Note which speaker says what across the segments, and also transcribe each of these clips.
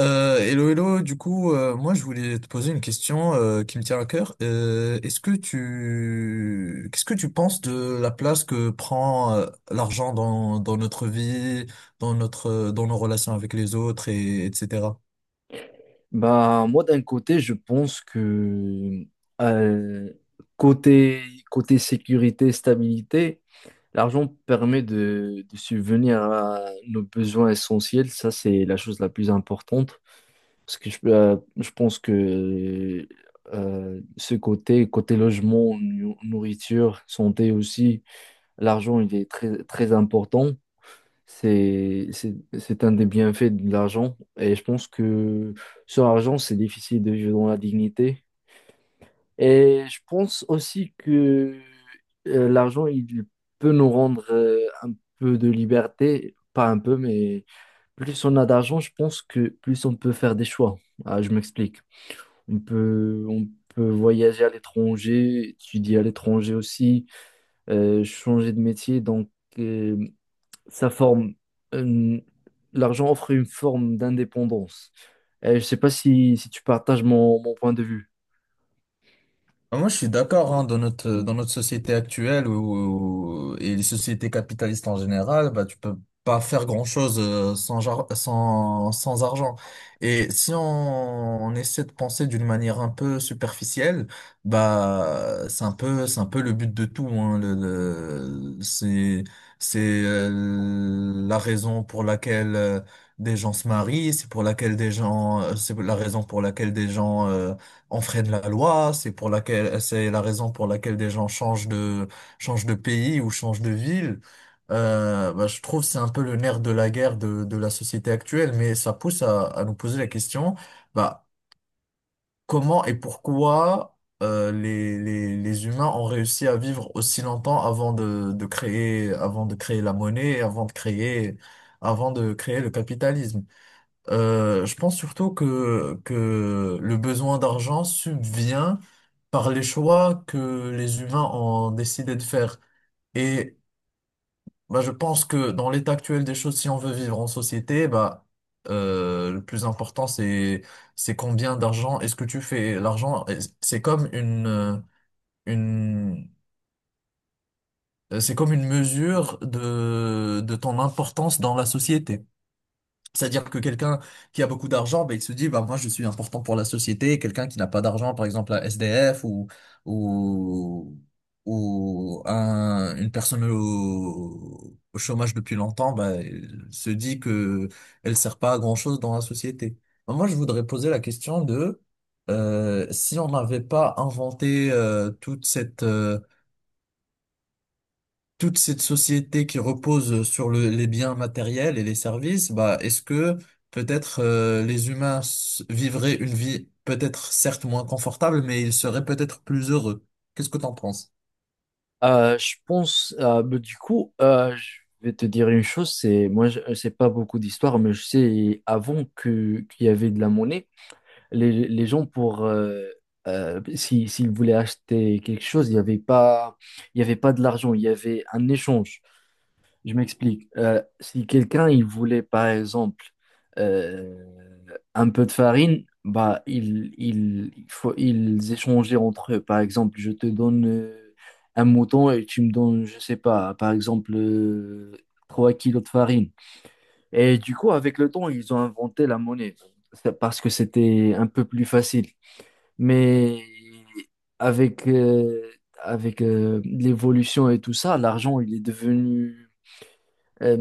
Speaker 1: Hello, hello, du coup, moi je voulais te poser une question qui me tient à cœur. Est-ce que qu'est-ce que tu penses de la place que prend l'argent dans notre vie, dans nos relations avec les autres et etc.
Speaker 2: Bah, moi, d'un côté, je pense que euh, côté, côté sécurité, stabilité, l'argent permet de subvenir à nos besoins essentiels. Ça, c'est la chose la plus importante. Parce que je pense que ce côté, côté logement, nourriture, santé aussi, l'argent, il est très, très important. C'est un des bienfaits de l'argent. Et je pense que sur l'argent, c'est difficile de vivre dans la dignité. Et je pense aussi que l'argent, il peut nous rendre un peu de liberté. Pas un peu, mais plus on a d'argent, je pense que plus on peut faire des choix. Ah, je m'explique. On peut voyager à l'étranger, étudier à l'étranger aussi, changer de métier. Donc, euh, ça forme une- l'argent offre une forme d'indépendance. Je sais pas si tu partages mon point de vue.
Speaker 1: Ah, moi, je suis d'accord, hein, dans notre société actuelle où, et les sociétés capitalistes en général, bah, tu peux pas faire grand-chose sans argent. Et si on essaie de penser d'une manière un peu superficielle, bah, c'est un peu le but de tout, hein, c'est la raison pour laquelle des gens se marient, c'est la raison pour laquelle des gens on freine la loi, c'est la raison pour laquelle des gens changent de pays ou changent de ville. Bah, je trouve que c'est un peu le nerf de la guerre de la société actuelle, mais ça pousse à nous poser la question, bah, comment et pourquoi les humains ont réussi à vivre aussi longtemps avant de créer, avant de créer la monnaie, avant de créer le capitalisme. Je pense surtout que le besoin d'argent subvient par les choix que les humains ont décidé de faire. Et bah, je pense que dans l'état actuel des choses, si on veut vivre en société, bah, le plus important, c'est combien d'argent est-ce que tu fais. L'argent, c'est comme une, euh, une, c'est comme une mesure de ton importance dans la société. C'est-à-dire que quelqu'un qui a beaucoup d'argent, ben, il se dit, bah, moi, je suis important pour la société. Quelqu'un qui n'a pas d'argent, par exemple, un SDF ou, ou une personne au chômage depuis longtemps, ben, il se dit que elle sert pas à grand-chose dans la société. Ben, moi, je voudrais poser la question si on n'avait pas inventé, toute cette société qui repose sur les biens matériels et les services, bah, est-ce que peut-être les humains vivraient une vie peut-être certes moins confortable, mais ils seraient peut-être plus heureux? Qu'est-ce que t'en penses?
Speaker 2: Du coup, je vais te dire une chose, c'est moi je ne sais pas beaucoup d'histoire, mais je sais avant que qu'il y avait de la monnaie, les gens pour si, s'ils voulaient acheter quelque chose, il y avait pas de l'argent, il y avait un échange. Je m'explique. Si quelqu'un il voulait par exemple euh, un peu de farine, il faut ils échangeaient entre eux. Par exemple, je te donne un mouton et tu me donnes, je sais pas, par exemple 3 kilos de farine. Et du coup, avec le temps, ils ont inventé la monnaie. C'est parce que c'était un peu plus facile. Mais avec euh, avec l'évolution et tout ça, l'argent il est devenu euh,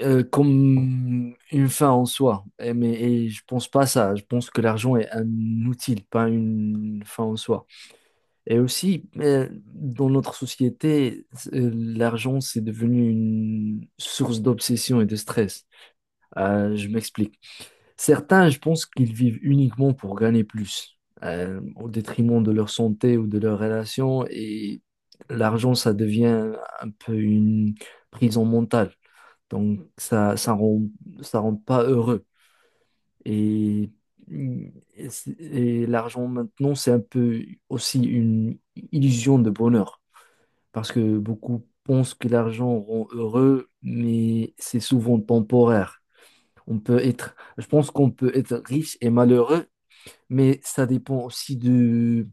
Speaker 2: comme une fin en soi. Et, mais et je pense pas ça. Je pense que l'argent est un outil, pas une fin en soi. Et aussi, dans notre société, l'argent, c'est devenu une source d'obsession et de stress. Je m'explique. Certains, je pense qu'ils vivent uniquement pour gagner plus, au détriment de leur santé ou de leurs relations. Et l'argent, ça devient un peu une prison mentale. Donc ça rend pas heureux. Et, et l'argent maintenant, c'est un peu aussi une illusion de bonheur. Parce que beaucoup pensent que l'argent rend heureux, mais c'est souvent temporaire. Je pense qu'on peut être riche et malheureux, mais ça dépend aussi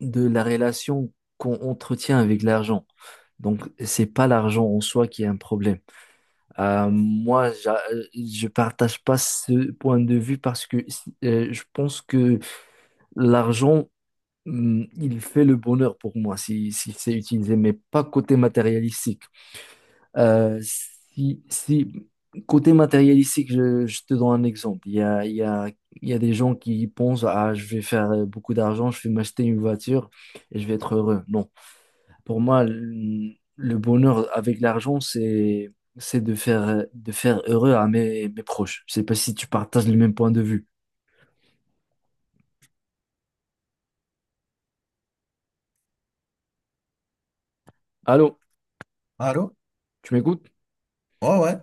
Speaker 2: de la relation qu'on entretient avec l'argent. Donc, c'est pas l'argent en soi qui est un problème. Je partage pas ce point de vue parce que si, je pense que l'argent, il fait le bonheur pour moi si c'est utilisé, mais pas côté matérialistique. Si côté matérialistique, je te donne un exemple. Il y a des gens qui pensent, ah, je vais faire beaucoup d'argent, je vais m'acheter une voiture et je vais être heureux. Non. Pour moi, le bonheur avec l'argent, c'est de faire heureux à mes proches. Je sais pas si tu partages le même point de vue. Allô,
Speaker 1: Allô?
Speaker 2: tu m'écoutes?
Speaker 1: Ouais, ouais.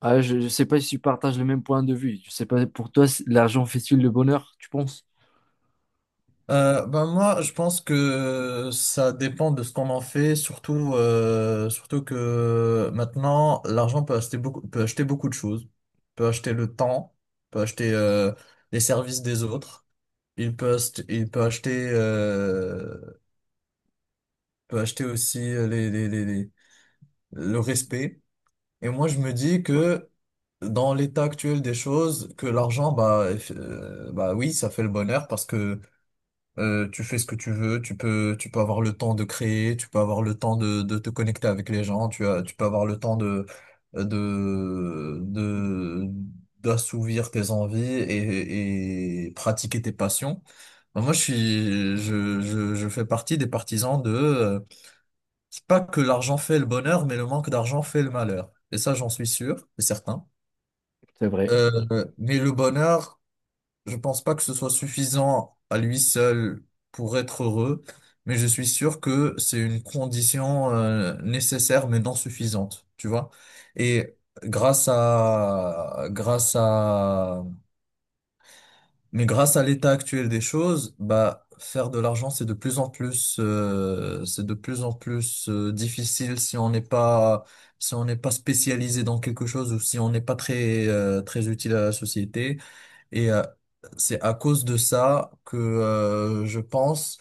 Speaker 2: Ah, je sais pas si tu partages le même point de vue. Je sais pas pour toi, si l'argent fait-il le bonheur, tu penses?
Speaker 1: Ben moi, je pense que ça dépend de ce qu'on en fait, surtout que maintenant, l'argent peut acheter beaucoup de choses, peut acheter le temps, peut acheter les services des autres. Il il peut peut acheter aussi le respect. Et moi, je me dis que dans l'état actuel des choses, que l'argent, bah oui, ça fait le bonheur parce que tu fais ce que tu veux, tu peux avoir le temps de créer, tu peux avoir le temps de te connecter avec les gens, tu peux avoir le temps de, de, d'assouvir tes envies et pratiquer tes passions. Ben, moi, je suis, je fais partie des partisans c'est pas que l'argent fait le bonheur, mais le manque d'argent fait le malheur. Et ça, j'en suis sûr et certain.
Speaker 2: C'est vrai.
Speaker 1: Euh, mais le bonheur, je pense pas que ce soit suffisant à lui seul pour être heureux, mais je suis sûr que c'est une condition nécessaire mais non suffisante, tu vois. Et grâce à grâce à grâce à l'état actuel des choses, bah faire de l'argent c'est de plus en plus c'est de plus en plus difficile si on n'est pas si on n'est pas spécialisé dans quelque chose ou si on n'est pas très très utile à la société. Et c'est à cause de ça que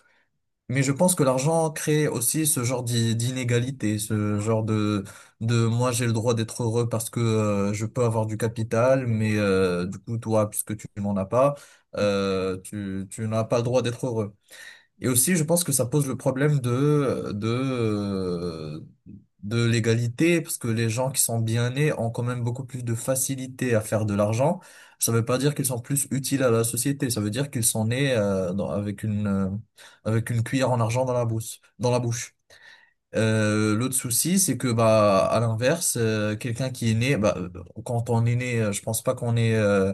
Speaker 1: mais je pense que l'argent crée aussi ce genre d'inégalité, ce genre de moi j'ai le droit d'être heureux parce que je peux avoir du capital, mais du coup toi, puisque tu n'en as pas, tu n'as pas le droit d'être heureux. Et aussi, je pense que ça pose le problème de l'égalité, parce que les gens qui sont bien nés ont quand même beaucoup plus de facilité à faire de l'argent. Ça veut pas dire qu'ils sont plus utiles à la société, ça veut dire qu'ils sont nés avec avec une cuillère en argent dans la bouche. L'autre souci, c'est que bah à l'inverse, quelqu'un qui est né, quand on est né, je pense pas qu'on est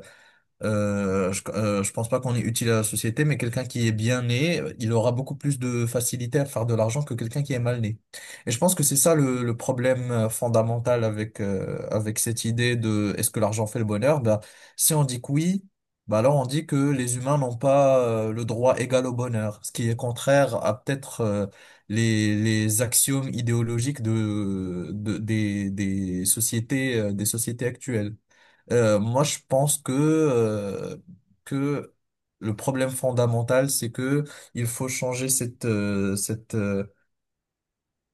Speaker 1: je pense pas qu'on est utile à la société, mais quelqu'un qui est bien né, il aura beaucoup plus de facilité à faire de l'argent que quelqu'un qui est mal né. Et je pense que c'est ça le problème fondamental avec avec cette idée de est-ce que l'argent fait le bonheur? Ben, si on dit que oui, ben alors on dit que les humains n'ont pas le droit égal au bonheur, ce qui est contraire à peut-être les axiomes idéologiques de des sociétés actuelles. Moi, je pense que le problème fondamental, c'est que il faut changer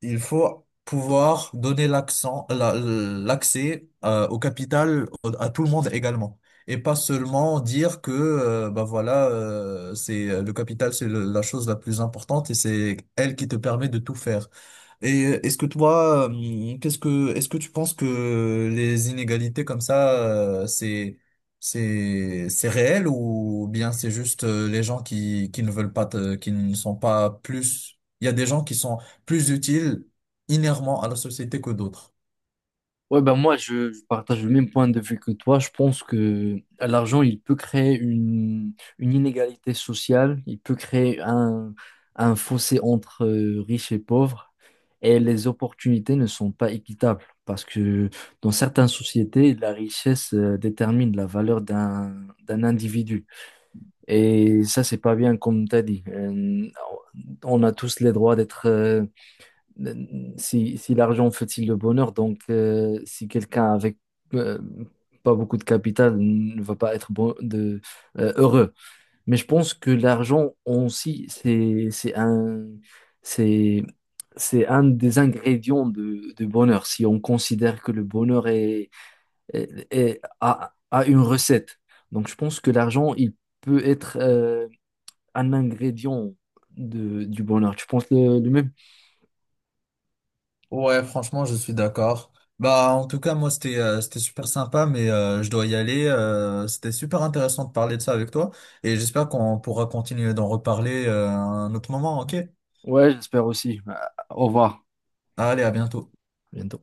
Speaker 1: il faut pouvoir donner l'accès au capital à tout le monde également. Et pas seulement dire que bah voilà c'est le capital c'est la chose la plus importante et c'est elle qui te permet de tout faire. Et est-ce que toi qu'est-ce que est-ce que tu penses que les inégalités comme ça c'est réel ou bien c'est juste les gens qui ne veulent pas te- qui ne sont pas plus il y a des gens qui sont plus utiles inhéremment à la société que d'autres.
Speaker 2: Ouais, ben moi, je partage le même point de vue que toi. Je pense que l'argent, il peut créer une inégalité sociale, il peut créer un fossé entre riches et pauvres, et les opportunités ne sont pas équitables parce que dans certaines sociétés, la richesse détermine la valeur d'un individu. Et ça, c'est pas bien, comme tu as dit. On a tous les droits d'être si l'argent fait-il le bonheur, donc si quelqu'un avec euh, pas beaucoup de capital ne va pas être bon, heureux. Mais je pense que l'argent aussi, c'est, c'est un des ingrédients de bonheur. Si on considère que le bonheur a une recette. Donc je pense que l'argent, il peut être un ingrédient de, du bonheur. Tu penses le même?
Speaker 1: Ouais, franchement, je suis d'accord. Bah, en tout cas, moi, c'était super sympa, mais je dois y aller. C'était super intéressant de parler de ça avec toi, et j'espère qu'on pourra continuer d'en reparler à un autre moment, ok?
Speaker 2: Ouais, j'espère aussi. Au revoir.
Speaker 1: Allez, à bientôt.
Speaker 2: À bientôt.